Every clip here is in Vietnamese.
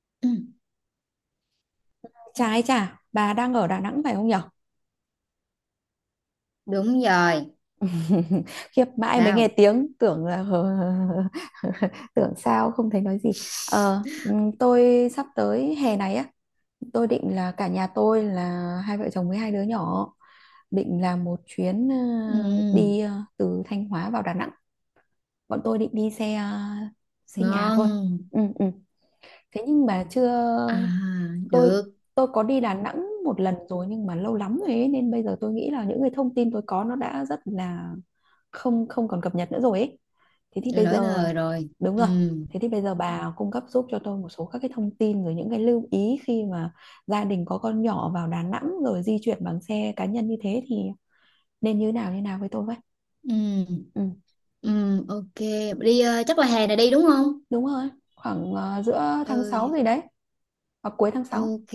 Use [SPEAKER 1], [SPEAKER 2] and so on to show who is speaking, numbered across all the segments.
[SPEAKER 1] Ừ.
[SPEAKER 2] Trái chả, bà đang ở Đà Nẵng phải không nhở?
[SPEAKER 1] Đúng rồi.
[SPEAKER 2] Khiếp, mãi mới nghe
[SPEAKER 1] Sao?
[SPEAKER 2] tiếng, tưởng là tưởng sao không thấy nói gì. Ờ, tôi sắp tới hè này á, tôi định là cả nhà tôi là hai vợ chồng với hai đứa nhỏ định làm một chuyến, đi,
[SPEAKER 1] Ừ.
[SPEAKER 2] từ Thanh Hóa vào Đà Nẵng. Bọn tôi định đi xe nhà thôi.
[SPEAKER 1] Ngon.
[SPEAKER 2] Ừ, ừ. Thế nhưng mà chưa.
[SPEAKER 1] À,
[SPEAKER 2] tôi
[SPEAKER 1] được.
[SPEAKER 2] tôi có đi Đà Nẵng một lần rồi nhưng mà lâu lắm rồi ấy, nên bây giờ tôi nghĩ là những cái thông tin tôi có nó đã rất là không không còn cập nhật nữa rồi ấy. Thế thì bây
[SPEAKER 1] Lỗi
[SPEAKER 2] giờ
[SPEAKER 1] thời rồi.
[SPEAKER 2] đúng rồi.
[SPEAKER 1] Ừ,
[SPEAKER 2] Thế thì bây giờ bà cung cấp giúp cho tôi một số các cái thông tin rồi những cái lưu ý khi mà gia đình có con nhỏ vào Đà Nẵng rồi di chuyển bằng xe cá nhân như thế thì nên như nào với tôi vậy?
[SPEAKER 1] ừ,
[SPEAKER 2] Ừ,
[SPEAKER 1] ừ, ok. Đi chắc là hè này đi, đúng không?
[SPEAKER 2] đúng rồi, khoảng giữa tháng 6
[SPEAKER 1] Ừ,
[SPEAKER 2] gì đấy, hoặc cuối tháng 6.
[SPEAKER 1] ok.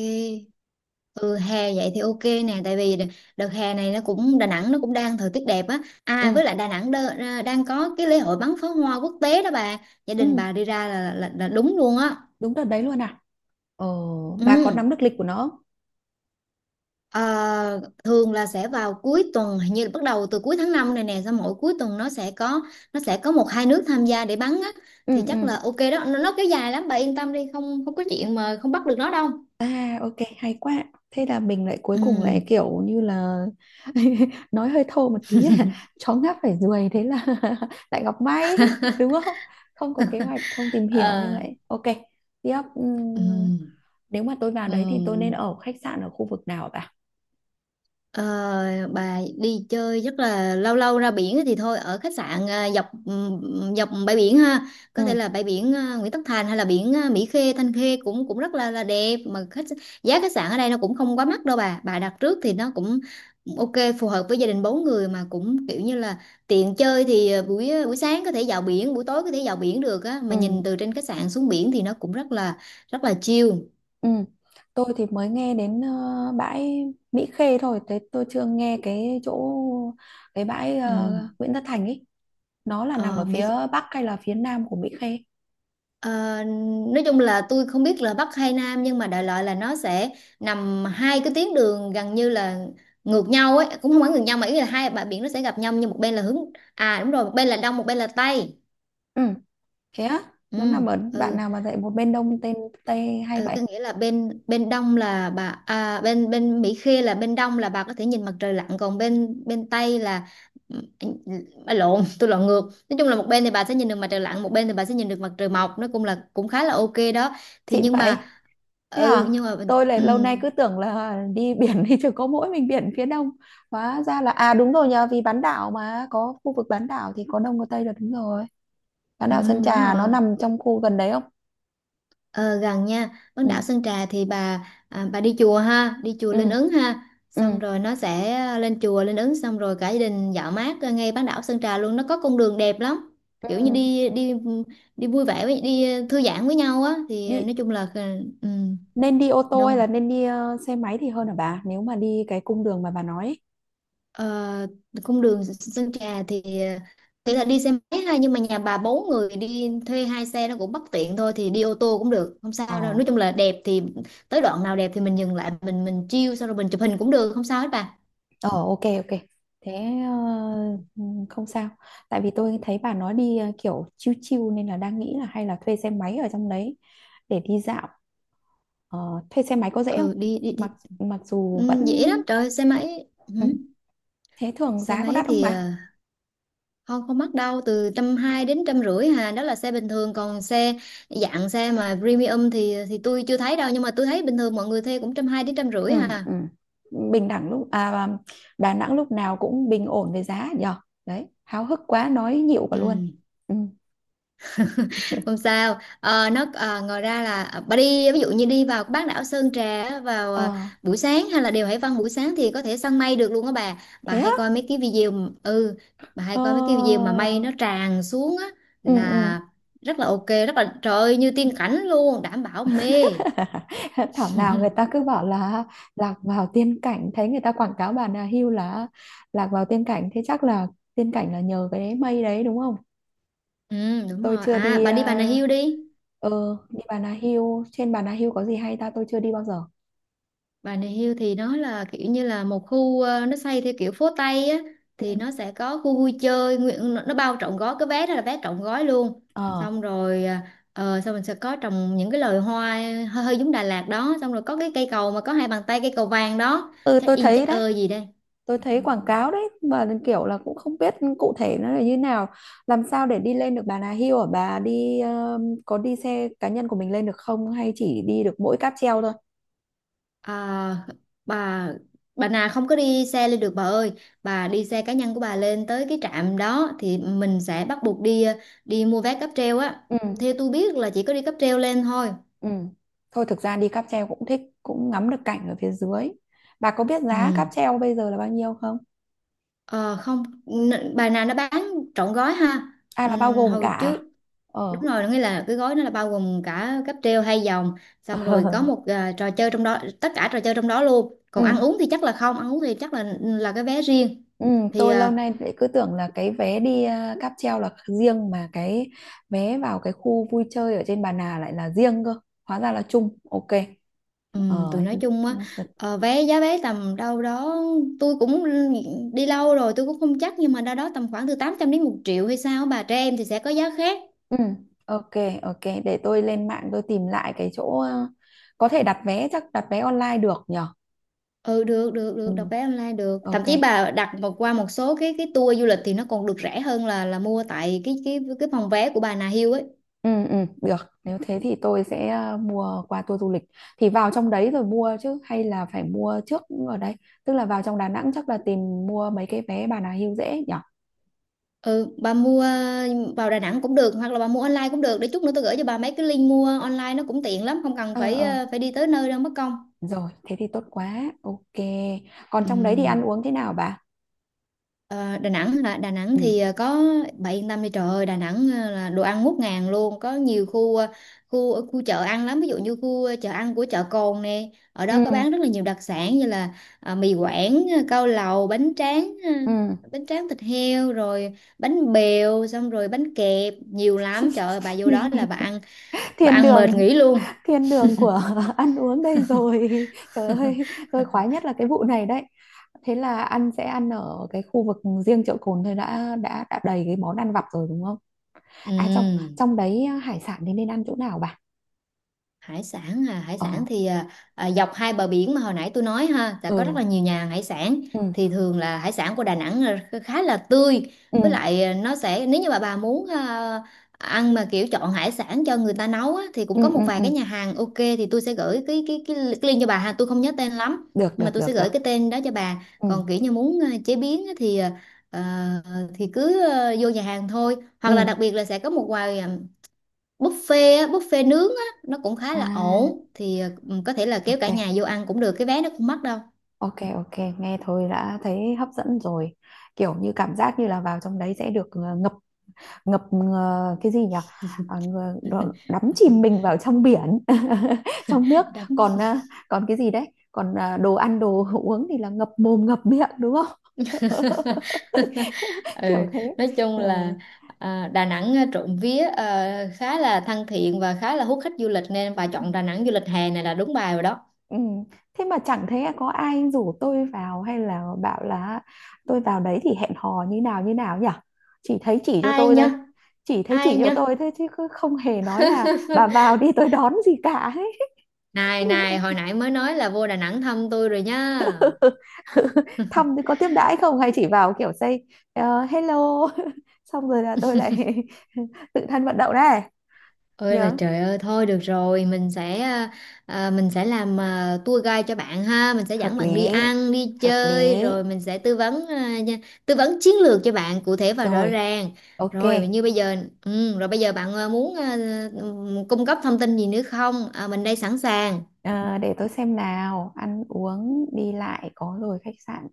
[SPEAKER 1] Ừ, hè vậy thì ok nè. Tại vì đợt hè này nó cũng, Đà Nẵng nó cũng đang thời tiết đẹp á. À
[SPEAKER 2] Ừ,
[SPEAKER 1] với lại Đà Nẵng đang có cái lễ hội bắn pháo hoa quốc tế đó bà. Gia đình
[SPEAKER 2] ừ,
[SPEAKER 1] bà đi ra là đúng luôn á.
[SPEAKER 2] đúng đợt đấy luôn à? Ồ,
[SPEAKER 1] Ừ.
[SPEAKER 2] bà có nắm được lịch của nó không?
[SPEAKER 1] Ờ, thường là sẽ vào cuối tuần, hình như là bắt đầu từ cuối tháng 5 này nè, xong mỗi cuối tuần nó sẽ có một hai nước tham gia để bắn á.
[SPEAKER 2] Ừ,
[SPEAKER 1] Thì chắc
[SPEAKER 2] ừ.
[SPEAKER 1] là ok đó, nó kéo dài lắm, bà yên tâm đi, không không có chuyện mà không bắt được nó đâu.
[SPEAKER 2] À, ok, hay quá. Thế là mình lại cuối cùng lại
[SPEAKER 1] Ừ.
[SPEAKER 2] kiểu như là nói hơi thô một tí, à, chó ngáp phải ruồi. Thế là lại gặp may. Đúng không? Không có kế hoạch, không tìm hiểu, nhưng
[SPEAKER 1] Ờ,
[SPEAKER 2] lại ok. Tiếp,
[SPEAKER 1] ừ.
[SPEAKER 2] nếu mà tôi vào đấy thì tôi nên
[SPEAKER 1] Ừ.
[SPEAKER 2] ở khách sạn ở khu vực nào hả bà?
[SPEAKER 1] Ờ, bà đi chơi rất là lâu, lâu ra biển thì thôi ở khách sạn, dọc dọc bãi biển ha. Có thể
[SPEAKER 2] Ừ,
[SPEAKER 1] là bãi biển Nguyễn Tất Thành, hay là biển Mỹ Khê, Thanh Khê cũng cũng rất là đẹp. Mà giá khách sạn ở đây nó cũng không quá mắc đâu bà đặt trước thì nó cũng ok, phù hợp với gia đình bốn người, mà cũng kiểu như là tiện chơi thì buổi sáng có thể vào biển, buổi tối có thể vào biển được á. Mà
[SPEAKER 2] ừ,
[SPEAKER 1] nhìn từ trên khách sạn xuống biển thì nó cũng rất là chill.
[SPEAKER 2] ừ. Tôi thì mới nghe đến bãi Mỹ Khê thôi. Thế tôi chưa nghe cái chỗ. Cái bãi
[SPEAKER 1] Ừ.
[SPEAKER 2] Nguyễn Tất Thành ấy, nó là nằm ở
[SPEAKER 1] Ờ,
[SPEAKER 2] phía
[SPEAKER 1] Mỹ.
[SPEAKER 2] bắc hay là phía nam của Mỹ Khê?
[SPEAKER 1] Ờ, nói chung là tôi không biết là Bắc hay Nam, nhưng mà đại loại là nó sẽ nằm hai cái tuyến đường gần như là ngược nhau ấy, cũng không phải ngược nhau, mà ý là hai bãi biển nó sẽ gặp nhau, nhưng một bên là hướng, à đúng rồi, một bên là đông, một bên là tây.
[SPEAKER 2] Ừ, thế á,
[SPEAKER 1] Ừ,
[SPEAKER 2] nó nằm ở đoạn
[SPEAKER 1] ừ.
[SPEAKER 2] nào mà dạy một bên đông, tên tây hay
[SPEAKER 1] Ừ,
[SPEAKER 2] vậy?
[SPEAKER 1] có nghĩa là bên bên đông là bà, à, bên bên Mỹ Khê là bên đông, là bà có thể nhìn mặt trời lặn, còn bên bên Tây là, bà lộn, tôi lộn ngược. Nói chung là một bên thì bà sẽ nhìn được mặt trời lặn, một bên thì bà sẽ nhìn được mặt trời mọc, nó cũng là cũng khá là ok đó thì.
[SPEAKER 2] Xịn
[SPEAKER 1] Nhưng
[SPEAKER 2] vậy?
[SPEAKER 1] mà
[SPEAKER 2] Thế
[SPEAKER 1] ừ,
[SPEAKER 2] à?
[SPEAKER 1] nhưng mà
[SPEAKER 2] Tôi lại
[SPEAKER 1] ừ,
[SPEAKER 2] lâu nay cứ tưởng là đi biển thì chỉ có mỗi mình biển phía đông, hóa ra là, à đúng rồi nhờ, vì bán đảo, mà có khu vực bán đảo thì có đông có tây là đúng rồi. Bán
[SPEAKER 1] ừ
[SPEAKER 2] đảo Sơn
[SPEAKER 1] đúng
[SPEAKER 2] Trà nó
[SPEAKER 1] rồi.
[SPEAKER 2] nằm trong khu gần đấy không?
[SPEAKER 1] Ờ, gần nha, bán
[SPEAKER 2] Ừ,
[SPEAKER 1] đảo Sơn Trà thì bà, bà đi chùa ha, đi chùa
[SPEAKER 2] ừ,
[SPEAKER 1] Linh Ứng ha,
[SPEAKER 2] ừ,
[SPEAKER 1] xong rồi nó sẽ lên chùa Linh Ứng, xong rồi cả gia đình dạo mát ngay bán đảo Sơn Trà luôn, nó có con đường đẹp lắm.
[SPEAKER 2] ừ,
[SPEAKER 1] Kiểu như đi đi, đi vui vẻ với đi thư giãn với nhau á, thì nói
[SPEAKER 2] đi.
[SPEAKER 1] chung là
[SPEAKER 2] Nên đi ô tô hay
[SPEAKER 1] ừ.
[SPEAKER 2] là nên đi xe máy thì hơn hả bà, nếu mà đi cái cung đường mà bà nói ấy?
[SPEAKER 1] Ờ, cung đường Sơn Trà thì thế là đi xe máy ha, nhưng mà nhà bà bốn người đi thuê hai xe nó cũng bất tiện, thôi thì đi ô tô cũng được, không
[SPEAKER 2] Ờ,
[SPEAKER 1] sao đâu, nói chung là đẹp thì tới đoạn nào đẹp thì mình dừng lại, mình chill xong rồi mình chụp hình cũng được, không sao hết bà.
[SPEAKER 2] Ờ ok, ok. Thế ờ, ừ, không sao, tại vì tôi thấy bà nói đi kiểu chill chill nên là đang nghĩ là hay là thuê xe máy ở trong đấy để đi dạo. Ờ, thuê xe máy có dễ không?
[SPEAKER 1] Ừ, đi đi, đi.
[SPEAKER 2] Mặc mặc dù vẫn.
[SPEAKER 1] Ừ, dễ lắm trời, xe máy, ừ.
[SPEAKER 2] Ừ. Thế thường
[SPEAKER 1] Xe
[SPEAKER 2] giá có
[SPEAKER 1] máy
[SPEAKER 2] đắt không
[SPEAKER 1] thì
[SPEAKER 2] bà?
[SPEAKER 1] không không mắc đâu, từ trăm hai đến trăm rưỡi hà, đó là xe bình thường. Còn xe dạng xe mà premium thì tôi chưa thấy đâu, nhưng mà tôi thấy bình thường mọi người thuê cũng trăm hai đến trăm
[SPEAKER 2] Ừ,
[SPEAKER 1] rưỡi hà.
[SPEAKER 2] ừ. Bình đẳng lúc, Đà Nẵng lúc nào cũng bình ổn về giá nhờ. Đấy, háo hức quá nói nhiều cả
[SPEAKER 1] Ừ.
[SPEAKER 2] luôn. Ừ.
[SPEAKER 1] Không sao. Ờ, nó, ngoài ra là bà đi, ví dụ như đi vào bán đảo Sơn Trà á, vào
[SPEAKER 2] Ờ.
[SPEAKER 1] buổi sáng hay là đèo Hải Vân buổi sáng thì có thể săn mây được luôn á bà. Bà
[SPEAKER 2] Thế á?
[SPEAKER 1] hay coi mấy cái video m- ừ bà hay
[SPEAKER 2] Ờ.
[SPEAKER 1] coi mấy cái video mà mây nó tràn xuống á,
[SPEAKER 2] Ừ, ừ.
[SPEAKER 1] là rất là ok, rất là trời ơi, như tiên cảnh luôn, đảm bảo mê.
[SPEAKER 2] Thảo nào người ta cứ bảo là lạc vào tiên cảnh, thấy người ta quảng cáo bàn hưu là lạc vào tiên cảnh. Thế chắc là tiên cảnh là nhờ cái mây đấy đúng không?
[SPEAKER 1] Ừ đúng
[SPEAKER 2] Tôi
[SPEAKER 1] rồi.
[SPEAKER 2] chưa
[SPEAKER 1] À,
[SPEAKER 2] đi.
[SPEAKER 1] bà đi
[SPEAKER 2] Ờ
[SPEAKER 1] Bà Nà Hills đi.
[SPEAKER 2] ừ, đi Bà Nà Hills, trên Bà Nà Hills có gì hay ta, tôi chưa đi bao giờ.
[SPEAKER 1] Bà Hill thì nó là kiểu như là một khu, nó xây theo kiểu phố Tây á,
[SPEAKER 2] Ừ.
[SPEAKER 1] thì nó sẽ có khu vui chơi nguyện, nó bao trọn gói cái vé đó, là vé trọn gói luôn.
[SPEAKER 2] Ờ.
[SPEAKER 1] Xong rồi xong mình sẽ có trồng những cái loài hoa hơi giống Đà Lạt đó. Xong rồi có cái cây cầu mà có hai bàn tay, cây cầu vàng đó,
[SPEAKER 2] Ừ,
[SPEAKER 1] check
[SPEAKER 2] tôi
[SPEAKER 1] in
[SPEAKER 2] thấy
[SPEAKER 1] check
[SPEAKER 2] đấy.
[SPEAKER 1] ơi gì đây.
[SPEAKER 2] Tôi thấy quảng cáo đấy mà kiểu là cũng không biết cụ thể nó là như nào. Làm sao để đi lên được Bà Nà Hills ở, bà đi có đi xe cá nhân của mình lên được không hay chỉ đi được mỗi cáp treo thôi?
[SPEAKER 1] À, bà bà nào không có đi xe lên được bà ơi, bà đi xe cá nhân của bà lên tới cái trạm đó thì mình sẽ bắt buộc đi đi mua vé cáp treo á.
[SPEAKER 2] Ừ.
[SPEAKER 1] Theo tôi biết là chỉ có đi cáp treo lên thôi.
[SPEAKER 2] Ừ. Thôi thực ra đi cáp treo cũng thích, cũng ngắm được cảnh ở phía dưới. Bà có biết
[SPEAKER 1] Ừ.
[SPEAKER 2] giá cáp treo bây giờ là bao nhiêu không?
[SPEAKER 1] Ờ, không bài nào nó bán trọn gói ha.
[SPEAKER 2] À
[SPEAKER 1] Ừ,
[SPEAKER 2] là bao gồm cả,
[SPEAKER 1] hồi trước,
[SPEAKER 2] à?
[SPEAKER 1] đúng
[SPEAKER 2] Ờ.
[SPEAKER 1] rồi, nghĩa là cái gói nó là bao gồm cả cáp treo hai dòng, xong rồi có một trò chơi trong đó, tất cả trò chơi trong đó luôn, còn ăn
[SPEAKER 2] Ừ.
[SPEAKER 1] uống thì chắc là không, ăn uống thì chắc là cái vé riêng
[SPEAKER 2] Ừ.
[SPEAKER 1] thì
[SPEAKER 2] Tôi lâu
[SPEAKER 1] à,
[SPEAKER 2] nay lại cứ tưởng là cái vé đi cáp treo là riêng, mà cái vé vào cái khu vui chơi ở trên Bà Nà lại là riêng cơ. Hóa ra là chung. Ok.
[SPEAKER 1] ừ, tụi
[SPEAKER 2] Ờ.
[SPEAKER 1] nói chung á.
[SPEAKER 2] Nó thật.
[SPEAKER 1] Ờ, vé, giá vé tầm đâu đó, tôi cũng đi lâu rồi tôi cũng không chắc, nhưng mà đâu đó tầm khoảng từ 800 đến một triệu hay sao á bà, trẻ em thì sẽ có giá khác.
[SPEAKER 2] Ừ. Ok, ok. Để tôi lên mạng tôi tìm lại cái chỗ, có thể đặt vé, chắc đặt vé online được nhở?
[SPEAKER 1] Ừ, được được
[SPEAKER 2] Ừ.
[SPEAKER 1] được, đặt vé online được, thậm
[SPEAKER 2] Ok.
[SPEAKER 1] chí bà đặt mà qua một số cái tour du lịch thì nó còn được rẻ hơn là mua tại cái phòng vé của bà Nà Hills ấy.
[SPEAKER 2] Ừ, ừ, được. Nếu thế thì tôi sẽ mua qua tour du lịch. Thì vào trong đấy rồi mua chứ hay là phải mua trước ở đây? Tức là vào trong Đà Nẵng chắc là tìm mua mấy cái vé Bà Nà Hưu dễ nhỉ?
[SPEAKER 1] Ừ, bà mua vào Đà Nẵng cũng được, hoặc là bà mua online cũng được, để chút nữa tôi gửi cho bà mấy cái link mua online, nó cũng tiện lắm, không cần
[SPEAKER 2] Ờ,
[SPEAKER 1] phải
[SPEAKER 2] ờ.
[SPEAKER 1] phải đi tới nơi đâu mất công.
[SPEAKER 2] Rồi, thế thì tốt quá. Ok. Còn
[SPEAKER 1] Ừ.
[SPEAKER 2] trong đấy thì ăn uống thế nào bà?
[SPEAKER 1] Ờ, Đà Nẵng hả? Đà Nẵng
[SPEAKER 2] Ừ.
[SPEAKER 1] thì có, bà yên tâm đi, trời ơi Đà Nẵng là đồ ăn ngút ngàn luôn, có nhiều khu khu chợ ăn lắm, ví dụ như khu chợ ăn của chợ Cồn nè, ở đó
[SPEAKER 2] Ừ,
[SPEAKER 1] có bán rất là nhiều đặc sản như là mì Quảng, cao lầu, bánh tráng,
[SPEAKER 2] ừ.
[SPEAKER 1] bánh tráng thịt heo, rồi bánh bèo, xong rồi bánh kẹp nhiều lắm, trời ơi bà vô đó là bà ăn, bà
[SPEAKER 2] Thiên
[SPEAKER 1] ăn mệt
[SPEAKER 2] đường.
[SPEAKER 1] nghỉ luôn.
[SPEAKER 2] Thiên đường của ăn uống đây rồi. Trời ơi, tôi khoái nhất là cái vụ này đấy. Thế là ăn sẽ ăn ở cái khu vực riêng chợ Cồn thôi đã đầy cái món ăn vặt rồi đúng không? À, trong
[SPEAKER 1] Ừ.
[SPEAKER 2] trong đấy, à, hải sản thì nên ăn chỗ nào bà?
[SPEAKER 1] Hải sản à, hải
[SPEAKER 2] Ờ.
[SPEAKER 1] sản thì dọc hai bờ biển mà hồi nãy tôi nói ha, là có rất
[SPEAKER 2] Ừ,
[SPEAKER 1] là nhiều nhà hàng hải sản,
[SPEAKER 2] ừ,
[SPEAKER 1] thì thường là hải sản của Đà Nẵng là khá là tươi.
[SPEAKER 2] ừ,
[SPEAKER 1] Với lại nó sẽ, nếu như mà bà muốn ăn mà kiểu chọn hải sản cho người ta nấu á, thì cũng
[SPEAKER 2] ừ,
[SPEAKER 1] có một
[SPEAKER 2] ừ,
[SPEAKER 1] vài
[SPEAKER 2] ừ.
[SPEAKER 1] cái nhà hàng ok, thì tôi sẽ gửi cái link cho bà ha, tôi không nhớ tên lắm
[SPEAKER 2] Được,
[SPEAKER 1] nhưng
[SPEAKER 2] được,
[SPEAKER 1] mà tôi sẽ
[SPEAKER 2] được, được.
[SPEAKER 1] gửi cái tên đó cho bà.
[SPEAKER 2] Ừ,
[SPEAKER 1] Còn kiểu như muốn chế biến á thì ờ, thì cứ vô nhà hàng thôi,
[SPEAKER 2] ừ.
[SPEAKER 1] hoặc là đặc biệt là sẽ có một vài buffet á, buffet nướng á, nó cũng khá là
[SPEAKER 2] À,
[SPEAKER 1] ổn thì. Ừ, có thể là kéo
[SPEAKER 2] ok,
[SPEAKER 1] cả nhà vô ăn cũng được, cái vé nó cũng mắc đâu.
[SPEAKER 2] ok, ok, nghe thôi đã thấy hấp dẫn rồi, kiểu như cảm giác như là vào trong đấy sẽ được ngập, cái gì nhỉ, à, đắm chìm mình vào trong biển trong nước.
[SPEAKER 1] Đúng.
[SPEAKER 2] Còn à, còn cái gì đấy, còn đồ ăn, đồ uống thì là ngập mồm ngập miệng đúng không
[SPEAKER 1] Ừ,
[SPEAKER 2] kiểu thế.
[SPEAKER 1] nói chung là
[SPEAKER 2] Rồi.
[SPEAKER 1] Đà Nẵng trộm vía khá là thân thiện và khá là hút khách du lịch, nên bà
[SPEAKER 2] Ừ.
[SPEAKER 1] chọn Đà Nẵng du lịch hè này là đúng bài rồi đó.
[SPEAKER 2] Ừ. Thế mà chẳng thấy có ai rủ tôi vào hay là bảo là tôi vào đấy thì hẹn hò như nào nhỉ, chỉ thấy chỉ cho
[SPEAKER 1] Ai
[SPEAKER 2] tôi
[SPEAKER 1] nhá,
[SPEAKER 2] thôi. Chỉ thấy
[SPEAKER 1] ai
[SPEAKER 2] chỉ cho
[SPEAKER 1] nhá.
[SPEAKER 2] tôi thế chứ không hề nói là bà vào đi tôi đón gì cả ấy.
[SPEAKER 1] Này này, hồi nãy mới nói là vô Đà Nẵng thăm tôi rồi nhá.
[SPEAKER 2] thăm thì có tiếp đãi không hay chỉ vào kiểu say hello xong rồi là tôi lại tự thân vận động đấy.
[SPEAKER 1] Ơi là
[SPEAKER 2] Nhớ.
[SPEAKER 1] trời ơi, thôi được rồi, mình sẽ mình sẽ làm tour guide cho bạn ha, mình sẽ
[SPEAKER 2] Hợp
[SPEAKER 1] dẫn bạn đi
[SPEAKER 2] lý,
[SPEAKER 1] ăn đi
[SPEAKER 2] hợp lý.
[SPEAKER 1] chơi, rồi mình sẽ tư vấn tư vấn chiến lược cho bạn cụ thể và rõ
[SPEAKER 2] Rồi,
[SPEAKER 1] ràng.
[SPEAKER 2] ok.
[SPEAKER 1] Rồi như bây giờ, ừ, rồi bây giờ bạn muốn cung cấp thông tin gì nữa không, mình đây sẵn sàng
[SPEAKER 2] Ờ, để tôi xem nào, ăn uống đi lại có rồi, khách sạn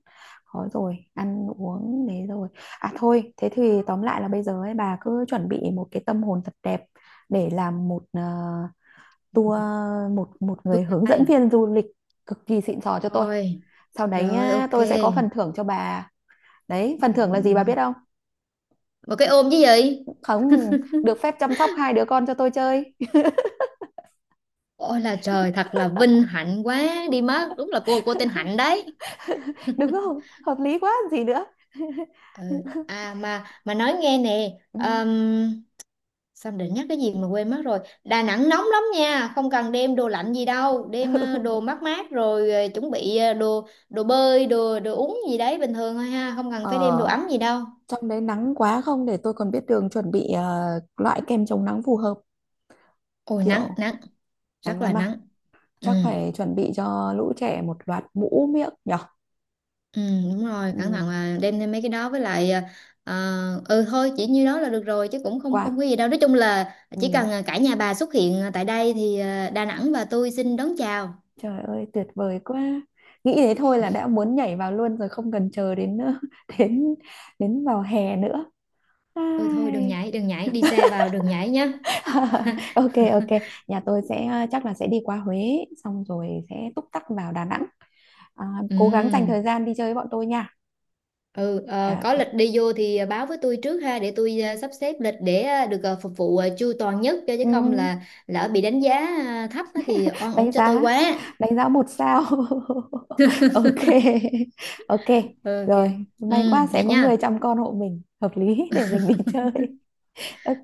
[SPEAKER 2] có rồi, ăn uống đấy rồi. À thôi, thế thì tóm lại là bây giờ ấy bà cứ chuẩn bị một cái tâm hồn thật đẹp để làm một tour, một một
[SPEAKER 1] tour
[SPEAKER 2] người hướng dẫn
[SPEAKER 1] guide.
[SPEAKER 2] viên du lịch cực kỳ xịn sò cho tôi.
[SPEAKER 1] Rồi,
[SPEAKER 2] Sau đấy
[SPEAKER 1] rồi
[SPEAKER 2] á,
[SPEAKER 1] ok.
[SPEAKER 2] tôi sẽ có phần thưởng cho bà. Đấy, phần thưởng là gì bà biết không?
[SPEAKER 1] Một cái ôm chứ gì.
[SPEAKER 2] Không, được phép chăm sóc hai đứa con cho tôi chơi.
[SPEAKER 1] Ôi là trời, thật là vinh hạnh quá đi mất, đúng là cô tên Hạnh đấy.
[SPEAKER 2] đúng không, hợp lý quá gì nữa.
[SPEAKER 1] Ừ. À, mà nói nghe nè.
[SPEAKER 2] Ừ.
[SPEAKER 1] um, Sao để nhắc cái gì mà quên mất rồi. Đà Nẵng nóng lắm nha, không cần đem đồ lạnh gì đâu, đem đồ mát mát, rồi chuẩn bị đồ đồ bơi, đồ đồ uống gì đấy bình thường thôi ha, không cần
[SPEAKER 2] Ờ,
[SPEAKER 1] phải đem đồ ấm gì đâu.
[SPEAKER 2] trong đấy nắng quá không, để tôi còn biết đường chuẩn bị loại kem chống nắng phù hợp,
[SPEAKER 1] Ôi nắng,
[SPEAKER 2] kiểu.
[SPEAKER 1] nắng,
[SPEAKER 2] Nắng
[SPEAKER 1] rất là
[SPEAKER 2] lắm à?
[SPEAKER 1] nắng. Ừ,
[SPEAKER 2] Chắc phải chuẩn bị cho lũ trẻ một loạt mũ miệng nhở.
[SPEAKER 1] ừ đúng rồi, cẩn thận
[SPEAKER 2] Ừ,
[SPEAKER 1] là đem thêm mấy cái đó, với lại ừ thôi chỉ như đó là được rồi, chứ cũng không
[SPEAKER 2] quạt.
[SPEAKER 1] không có gì đâu, nói chung là chỉ
[SPEAKER 2] Ừ.
[SPEAKER 1] cần cả nhà bà xuất hiện tại đây thì Đà Nẵng và tôi xin đón chào.
[SPEAKER 2] Trời ơi tuyệt vời quá. Nghĩ thế thôi là đã muốn nhảy vào luôn rồi không cần chờ đến đến đến vào hè nữa.
[SPEAKER 1] Ôi thôi, đừng
[SPEAKER 2] Ai.
[SPEAKER 1] nhảy, đừng nhảy, đi xe vào, đừng nhảy nhá.
[SPEAKER 2] Ok, ok, nhà tôi sẽ chắc là sẽ đi qua Huế xong rồi sẽ túc tắc vào Đà Nẵng. À, cố gắng dành
[SPEAKER 1] Ừm.
[SPEAKER 2] thời gian đi chơi với bọn tôi nha.
[SPEAKER 1] Ừ, ờ,
[SPEAKER 2] À,
[SPEAKER 1] có
[SPEAKER 2] ok.
[SPEAKER 1] lịch đi vô thì báo với tôi trước ha, để tôi sắp xếp lịch, để được phục vụ chu toàn nhất cho, chứ không
[SPEAKER 2] Ừm,
[SPEAKER 1] là lỡ bị đánh giá thấp á thì oan uổng
[SPEAKER 2] đánh
[SPEAKER 1] cho tôi
[SPEAKER 2] giá,
[SPEAKER 1] quá.
[SPEAKER 2] 1 sao. Ok. Ok.
[SPEAKER 1] Ok.
[SPEAKER 2] Rồi,
[SPEAKER 1] Ừ,
[SPEAKER 2] may quá sẽ
[SPEAKER 1] vậy
[SPEAKER 2] có người
[SPEAKER 1] nha.
[SPEAKER 2] chăm con hộ mình, hợp lý để mình đi chơi. Ok,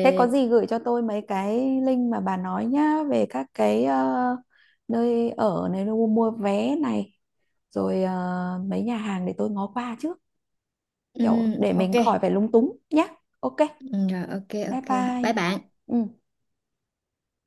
[SPEAKER 2] thế có gì gửi cho tôi mấy cái link mà bà nói nhá về các cái nơi ở này, nơi mua vé này, rồi mấy nhà hàng để tôi ngó qua trước,
[SPEAKER 1] Ừ,
[SPEAKER 2] kiểu để mình
[SPEAKER 1] ok.
[SPEAKER 2] khỏi phải lúng túng nhá. Ok,
[SPEAKER 1] Ừ, rồi ok,
[SPEAKER 2] bye
[SPEAKER 1] ok.
[SPEAKER 2] bye.
[SPEAKER 1] Bye bạn.
[SPEAKER 2] Ừ.